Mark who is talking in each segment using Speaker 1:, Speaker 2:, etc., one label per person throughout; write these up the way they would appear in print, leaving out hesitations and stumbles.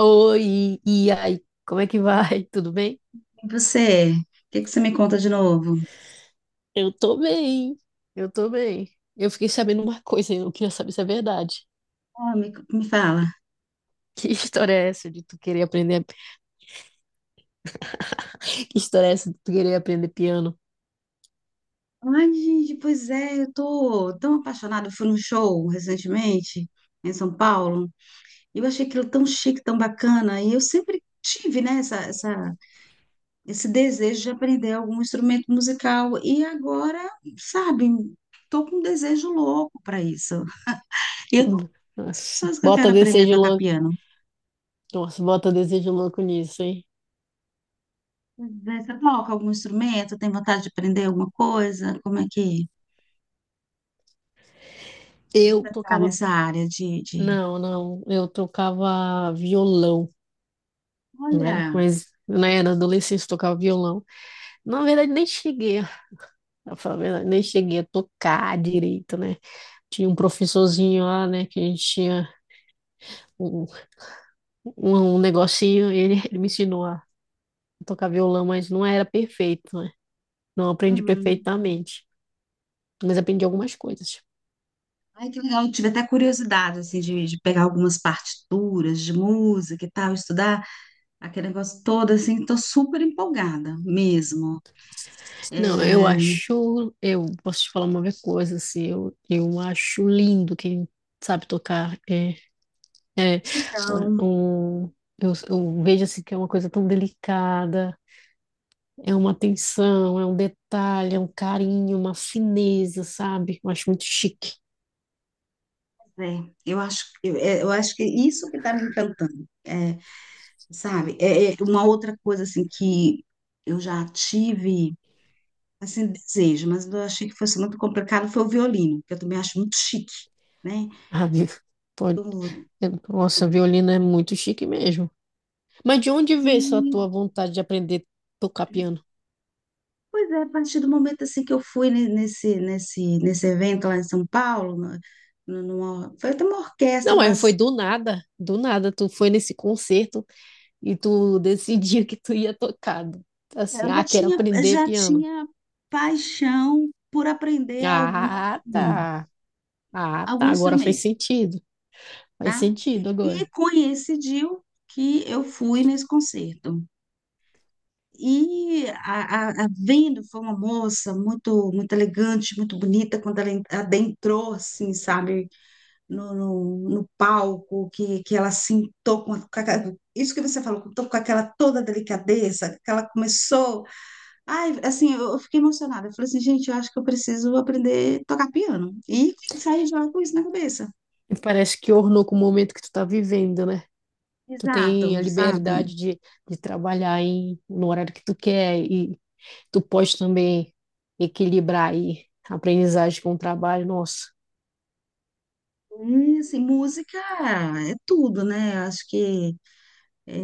Speaker 1: Oi, e aí, como é que vai? Tudo bem?
Speaker 2: E você? O que você me conta de novo?
Speaker 1: Eu tô bem, eu tô bem. Eu fiquei sabendo uma coisa, e eu queria saber se é verdade.
Speaker 2: Me fala.
Speaker 1: Que história é essa de tu querer aprender? Que história é essa de tu querer aprender piano?
Speaker 2: Ai, gente, pois é, eu tô tão apaixonada. Eu fui num show recentemente em São Paulo e eu achei aquilo tão chique, tão bacana. E eu sempre tive, né, esse desejo de aprender algum instrumento musical. E agora, sabe, tô com um desejo louco para isso. E eu tô
Speaker 1: Hum,
Speaker 2: com as
Speaker 1: Nossa,
Speaker 2: pessoas que eu
Speaker 1: bota
Speaker 2: quero aprender a
Speaker 1: desejo
Speaker 2: tocar
Speaker 1: louco.
Speaker 2: piano.
Speaker 1: Nossa, bota desejo louco nisso, hein?
Speaker 2: Pois é, você toca algum instrumento? Tem vontade de aprender alguma coisa? Como é que...
Speaker 1: Eu
Speaker 2: Nunca tá
Speaker 1: tocava.
Speaker 2: nessa área de...
Speaker 1: Não, não, eu tocava violão, né?
Speaker 2: Olha,
Speaker 1: Mas né, na adolescência eu tocava violão. Na verdade, nem cheguei, a- pra falar a verdade, nem cheguei a tocar direito, né? Tinha um professorzinho lá, né, que a gente tinha um, um negocinho, e ele, ele me ensinou a tocar violão, mas não era perfeito, né? Não aprendi
Speaker 2: uhum.
Speaker 1: perfeitamente, mas aprendi algumas coisas.
Speaker 2: Ai, que legal. Eu tive até curiosidade, assim, de pegar algumas partituras de música e tal, estudar aquele negócio todo, assim, tô super empolgada mesmo.
Speaker 1: Não, eu
Speaker 2: É,
Speaker 1: acho, eu posso te falar uma coisa, assim, eu acho lindo quem sabe tocar. É
Speaker 2: então,
Speaker 1: um, eu vejo assim que é uma coisa tão delicada, é uma atenção, é um detalhe, é um carinho, uma fineza, sabe? Eu acho muito chique.
Speaker 2: é, eu acho, eu, é, eu acho que isso que tá me encantando, é, sabe? É, é uma outra coisa, assim, que eu já tive, assim, desejo, mas eu achei que fosse muito complicado, foi o violino, que eu também acho muito chique, né?
Speaker 1: Ah, vi- pode...
Speaker 2: Eu-
Speaker 1: Nossa, violino é muito chique mesmo. Mas de onde veio essa
Speaker 2: E,
Speaker 1: tua vontade de aprender a tocar piano?
Speaker 2: pois é, a partir do momento assim que eu fui nesse evento lá em São Paulo, foi até uma
Speaker 1: Não,
Speaker 2: orquestra,
Speaker 1: mas foi
Speaker 2: mas
Speaker 1: do nada, do nada. Tu foi nesse concerto e tu decidiu que tu ia tocar. Assim,
Speaker 2: eu
Speaker 1: ah, quero aprender
Speaker 2: já
Speaker 1: piano.
Speaker 2: tinha paixão por aprender algum,
Speaker 1: Ah, tá. Ah, tá.
Speaker 2: algum
Speaker 1: Agora faz
Speaker 2: instrumento,
Speaker 1: sentido. Faz
Speaker 2: tá?
Speaker 1: sentido
Speaker 2: E
Speaker 1: agora.
Speaker 2: coincidiu que eu fui nesse concerto. E a vendo foi uma moça muito muito elegante, muito bonita, quando ela adentrou, assim, sabe? no, no, no palco, que ela sentou com, isso que você falou, com aquela toda delicadeza, que ela começou. Ai, assim, eu fiquei emocionada. Eu falei assim, gente, eu acho que eu preciso aprender a tocar piano. E saí já com isso na cabeça.
Speaker 1: E parece que ornou com o momento que tu tá vivendo, né? Tu tem
Speaker 2: Exato,
Speaker 1: a
Speaker 2: sabe?
Speaker 1: liberdade de trabalhar em, no horário que tu quer e tu pode também equilibrar aí a aprendizagem com o trabalho. Nossa,
Speaker 2: E, assim, música é tudo, né? Eu acho que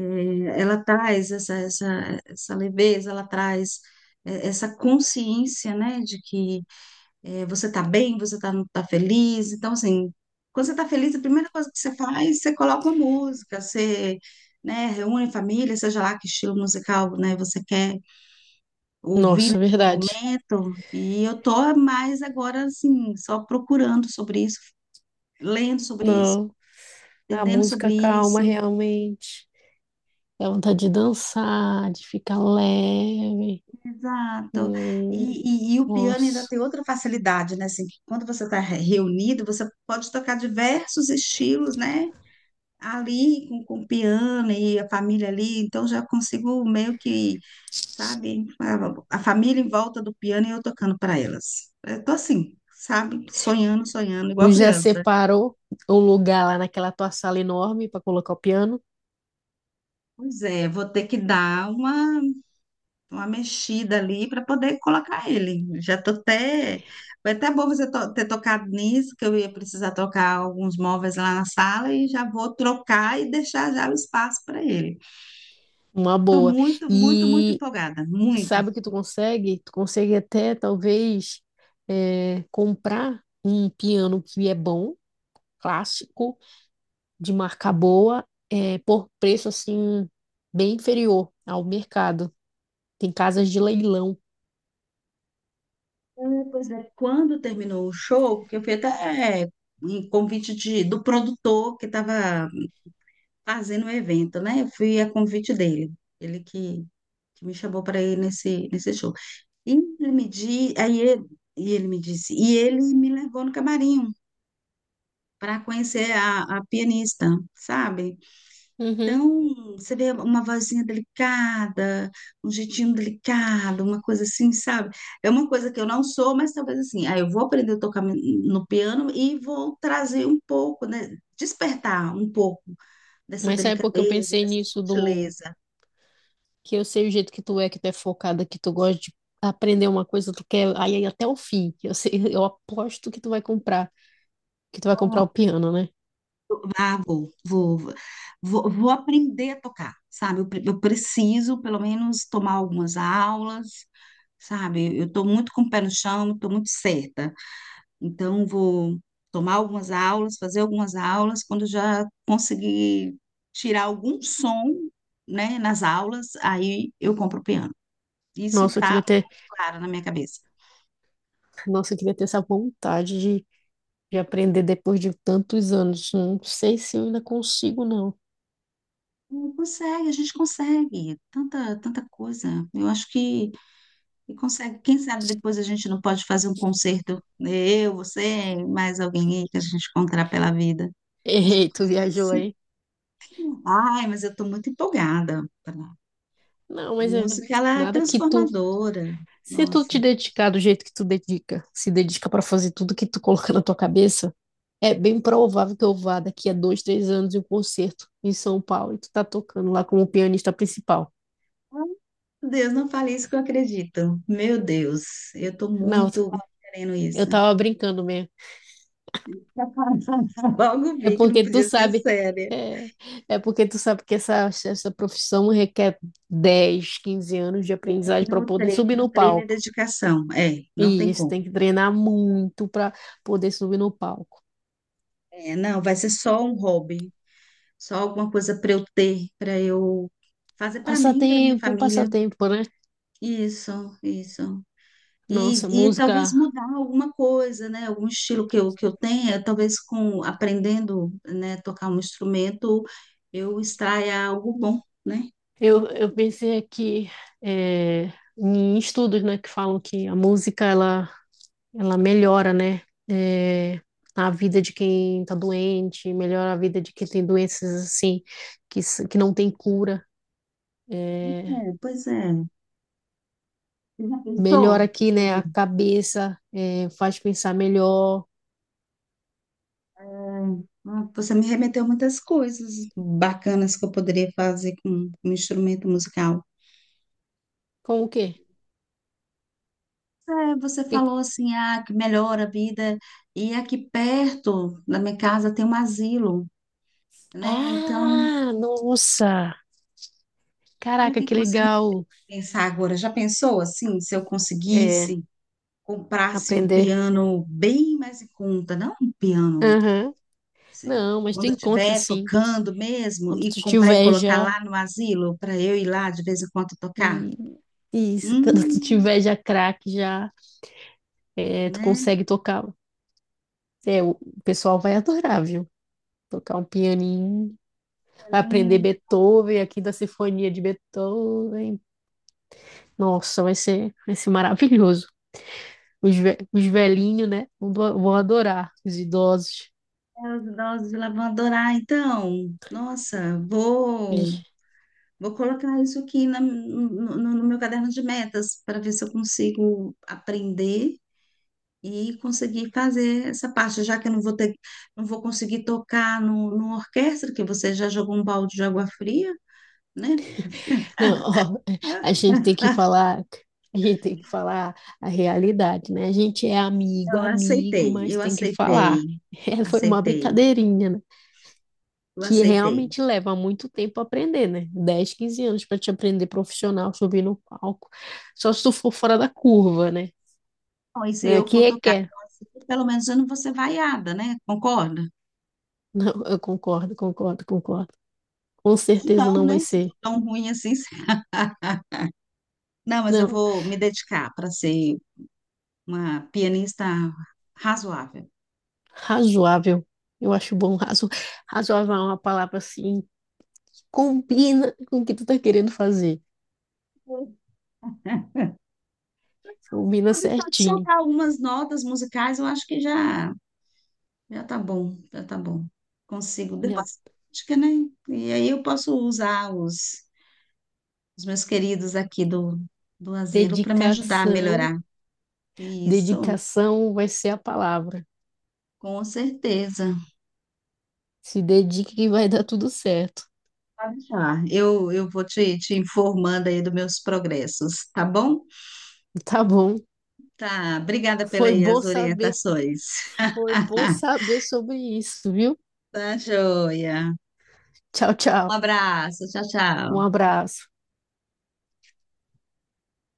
Speaker 2: ela traz essa leveza, ela traz essa consciência, né, de que é, você tá bem, você tá, tá feliz. Então, assim, quando você tá feliz, a primeira coisa que você faz, você coloca uma música, você, né, reúne a família, seja lá que estilo musical, né, você quer ouvir
Speaker 1: nossa,
Speaker 2: nesse
Speaker 1: verdade.
Speaker 2: momento. E eu tô mais agora, assim, só procurando sobre isso, lendo sobre isso.
Speaker 1: Não, a
Speaker 2: Entendendo
Speaker 1: música
Speaker 2: sobre
Speaker 1: calma
Speaker 2: isso,
Speaker 1: realmente. Dá vontade de dançar, de ficar leve.
Speaker 2: exato.
Speaker 1: Hum,
Speaker 2: E o piano ainda
Speaker 1: Nossa.
Speaker 2: tem outra facilidade, né? Assim, que quando você está reunido, você pode tocar diversos estilos, né? Ali com o piano e a família ali, então já consigo meio que, sabe, a família em volta do piano e eu tocando para elas. Eu tô assim, sabe, sonhando, sonhando,
Speaker 1: Tu
Speaker 2: igual
Speaker 1: já
Speaker 2: criança.
Speaker 1: separou um lugar lá naquela tua sala enorme para colocar o piano?
Speaker 2: Pois é, vou ter que dar uma mexida ali para poder colocar ele. Já tô até. Foi até bom você ter tocado nisso, que eu ia precisar tocar alguns móveis lá na sala e já vou trocar e deixar já o espaço para ele.
Speaker 1: Uma
Speaker 2: Estou
Speaker 1: boa.
Speaker 2: muito, muito, muito
Speaker 1: E
Speaker 2: empolgada, muito.
Speaker 1: sabe o que tu consegue? Tu consegue até talvez comprar um piano que é bom, clássico de marca boa, por preço assim, bem inferior ao mercado. Tem casas de leilão.
Speaker 2: É, pois é, quando terminou o show, que eu fui até é, em convite de, do produtor que estava fazendo o evento, né? Eu fui a convite dele, ele que me chamou para ir nesse, nesse show. E ele me di, aí ele, e ele me disse, e ele me levou no camarim para conhecer a pianista, sabe?
Speaker 1: Uhum.
Speaker 2: Então, você vê uma vozinha delicada, um jeitinho delicado, uma coisa assim, sabe? É uma coisa que eu não sou, mas talvez assim, aí eu vou aprender a tocar no piano e vou trazer um pouco, né? Despertar um pouco dessa
Speaker 1: Mas sabe por que eu
Speaker 2: delicadeza,
Speaker 1: pensei
Speaker 2: dessa
Speaker 1: nisso do
Speaker 2: sutileza.
Speaker 1: que eu sei o jeito que tu é focada, que tu gosta de aprender uma coisa, tu quer aí até o fim. Eu sei, eu aposto que tu vai comprar, que tu vai comprar o piano, né?
Speaker 2: Ah, vou aprender a tocar, sabe? Eu, eu preciso, pelo menos, tomar algumas aulas, sabe? Eu estou muito com o pé no chão, estou muito certa. Então, vou tomar algumas aulas, fazer algumas aulas. Quando já conseguir tirar algum som, né, nas aulas, aí eu compro o piano. Isso
Speaker 1: Nossa, eu
Speaker 2: tá
Speaker 1: queria ter,
Speaker 2: muito claro na minha cabeça.
Speaker 1: nossa, eu queria ter essa vontade de aprender depois de tantos anos. Não sei se eu ainda consigo, não.
Speaker 2: Não consegue, a gente consegue. Tanta, tanta coisa. Eu acho que consegue. Quem sabe depois a gente não pode fazer um concerto, né, eu, você, mais alguém aí que a gente encontrar pela vida. Acho que
Speaker 1: Errei, tu
Speaker 2: consegue,
Speaker 1: viajou
Speaker 2: sim.
Speaker 1: aí.
Speaker 2: Ai, mas eu estou muito empolgada.
Speaker 1: Não,
Speaker 2: A
Speaker 1: mas é
Speaker 2: música, ela é
Speaker 1: nada que tu
Speaker 2: transformadora.
Speaker 1: Se tu
Speaker 2: Nossa,
Speaker 1: te dedicar do jeito que tu dedica, se dedica para fazer tudo que tu coloca na tua cabeça, é bem provável que eu vá daqui a 2, 3 anos em um concerto em São Paulo e tu tá tocando lá como pianista principal.
Speaker 2: Deus, não fale isso que eu acredito. Meu Deus, eu tô
Speaker 1: Não,
Speaker 2: muito querendo
Speaker 1: eu
Speaker 2: isso.
Speaker 1: tava brincando mesmo.
Speaker 2: Logo
Speaker 1: É
Speaker 2: vi que não
Speaker 1: porque tu
Speaker 2: podia ser
Speaker 1: sabe,
Speaker 2: séria.
Speaker 1: é, é porque tu sabe que essa profissão requer 10, 15 anos de aprendizagem para
Speaker 2: No
Speaker 1: poder subir
Speaker 2: treino,
Speaker 1: no
Speaker 2: treino e
Speaker 1: palco.
Speaker 2: dedicação. É, não
Speaker 1: E
Speaker 2: tem
Speaker 1: isso
Speaker 2: como.
Speaker 1: tem que treinar muito para poder subir no palco.
Speaker 2: É, não, vai ser só um hobby, só alguma coisa para eu ter, para eu fazer para mim, para minha
Speaker 1: Passatempo, um
Speaker 2: família.
Speaker 1: passatempo, né?
Speaker 2: Isso, isso.
Speaker 1: Nossa,
Speaker 2: E talvez
Speaker 1: música
Speaker 2: mudar alguma coisa, né? Algum estilo que eu tenha, talvez com aprendendo, né, tocar um instrumento, eu extraia algo bom, né?
Speaker 1: Eu pensei aqui em estudos, né, que falam que ela melhora, né, é, a vida de quem está doente, melhora a vida de quem tem doenças assim que não tem cura, é,
Speaker 2: É, pois é. Você já pensou?
Speaker 1: melhora aqui, né, a
Speaker 2: Eu-
Speaker 1: cabeça, é, faz pensar melhor.
Speaker 2: Você me remeteu muitas coisas bacanas que eu poderia fazer com um instrumento musical.
Speaker 1: Como o quê?
Speaker 2: É, você
Speaker 1: E-
Speaker 2: falou assim, ah, que melhora a vida. E aqui perto da minha casa tem um asilo, né? Então,
Speaker 1: Ah, nossa!
Speaker 2: olha o
Speaker 1: Caraca,
Speaker 2: que
Speaker 1: que
Speaker 2: que você
Speaker 1: legal
Speaker 2: pensar agora, já pensou assim, se eu
Speaker 1: é,
Speaker 2: conseguisse comprasse um
Speaker 1: aprender.
Speaker 2: piano bem mais em conta, não um piano,
Speaker 1: Aham.
Speaker 2: assim,
Speaker 1: Não, mas tu
Speaker 2: quando eu
Speaker 1: encontra
Speaker 2: estiver
Speaker 1: sim.
Speaker 2: tocando mesmo
Speaker 1: Quando
Speaker 2: e
Speaker 1: tu
Speaker 2: comprar e
Speaker 1: tiver
Speaker 2: colocar
Speaker 1: já.
Speaker 2: lá no asilo para eu ir lá de vez em quando tocar?
Speaker 1: E, isso, quando tu
Speaker 2: Hum,
Speaker 1: tiver já craque, já é, tu
Speaker 2: né?
Speaker 1: consegue tocar. É, o pessoal vai adorar, viu? Tocar um pianinho, vai aprender
Speaker 2: Alinho,
Speaker 1: Beethoven, aqui da Sinfonia de Beethoven. Nossa, vai ser maravilhoso. Os velhinhos, né? Vão adorar, os idosos.
Speaker 2: então, os idosos lá vão adorar. Então, nossa, vou vou colocar isso aqui no, no no meu caderno de metas para ver se eu consigo aprender e conseguir fazer essa parte, já que eu não vou ter, não vou conseguir tocar no, numa orquestra, que você já jogou um balde de água fria, né?
Speaker 1: Não, ó, a gente tem que falar, a gente tem que falar a realidade, né? A gente é amigo, amigo, mas
Speaker 2: Eu
Speaker 1: tem que falar.
Speaker 2: aceitei,
Speaker 1: foi uma
Speaker 2: aceitei,
Speaker 1: brincadeirinha, né?
Speaker 2: eu
Speaker 1: Que
Speaker 2: aceitei.
Speaker 1: realmente leva muito tempo a aprender, né? 10, 15 anos para te aprender profissional, subir no palco. Só se tu for fora da curva, né?
Speaker 2: Bom, e se
Speaker 1: Né?
Speaker 2: eu
Speaker 1: Que
Speaker 2: for tocar,
Speaker 1: requer.
Speaker 2: assim, pelo menos eu não vou ser vaiada, né? Concorda?
Speaker 1: Não, eu concordo, concordo, concordo. Com certeza
Speaker 2: Não,
Speaker 1: não vai
Speaker 2: né? Se for
Speaker 1: ser.
Speaker 2: tão ruim assim. Não, mas eu
Speaker 1: Não,
Speaker 2: vou me dedicar para ser uma pianista razoável.
Speaker 1: razoável. Eu acho bom, razoável é uma palavra assim combina com o que tu tá querendo fazer. Combina
Speaker 2: Vou deixar de
Speaker 1: certinho.
Speaker 2: soltar algumas notas musicais, eu acho que já já tá bom, já tá bom. Consigo
Speaker 1: Já
Speaker 2: depois, acho que, né? E aí eu posso usar os meus queridos aqui do, do asilo para me ajudar a
Speaker 1: dedicação,
Speaker 2: melhorar. Isso,
Speaker 1: dedicação vai ser a palavra.
Speaker 2: com certeza.
Speaker 1: Se dedique que vai dar tudo certo.
Speaker 2: Pode deixar. Eu vou te, te informando aí dos meus progressos, tá bom?
Speaker 1: Tá bom.
Speaker 2: Tá, obrigada pelas
Speaker 1: Foi
Speaker 2: aí
Speaker 1: bom
Speaker 2: as
Speaker 1: saber.
Speaker 2: orientações.
Speaker 1: Foi bom saber sobre isso, viu?
Speaker 2: Tá, joia.
Speaker 1: Tchau,
Speaker 2: Um
Speaker 1: tchau.
Speaker 2: abraço, tchau,
Speaker 1: Um
Speaker 2: tchau.
Speaker 1: abraço.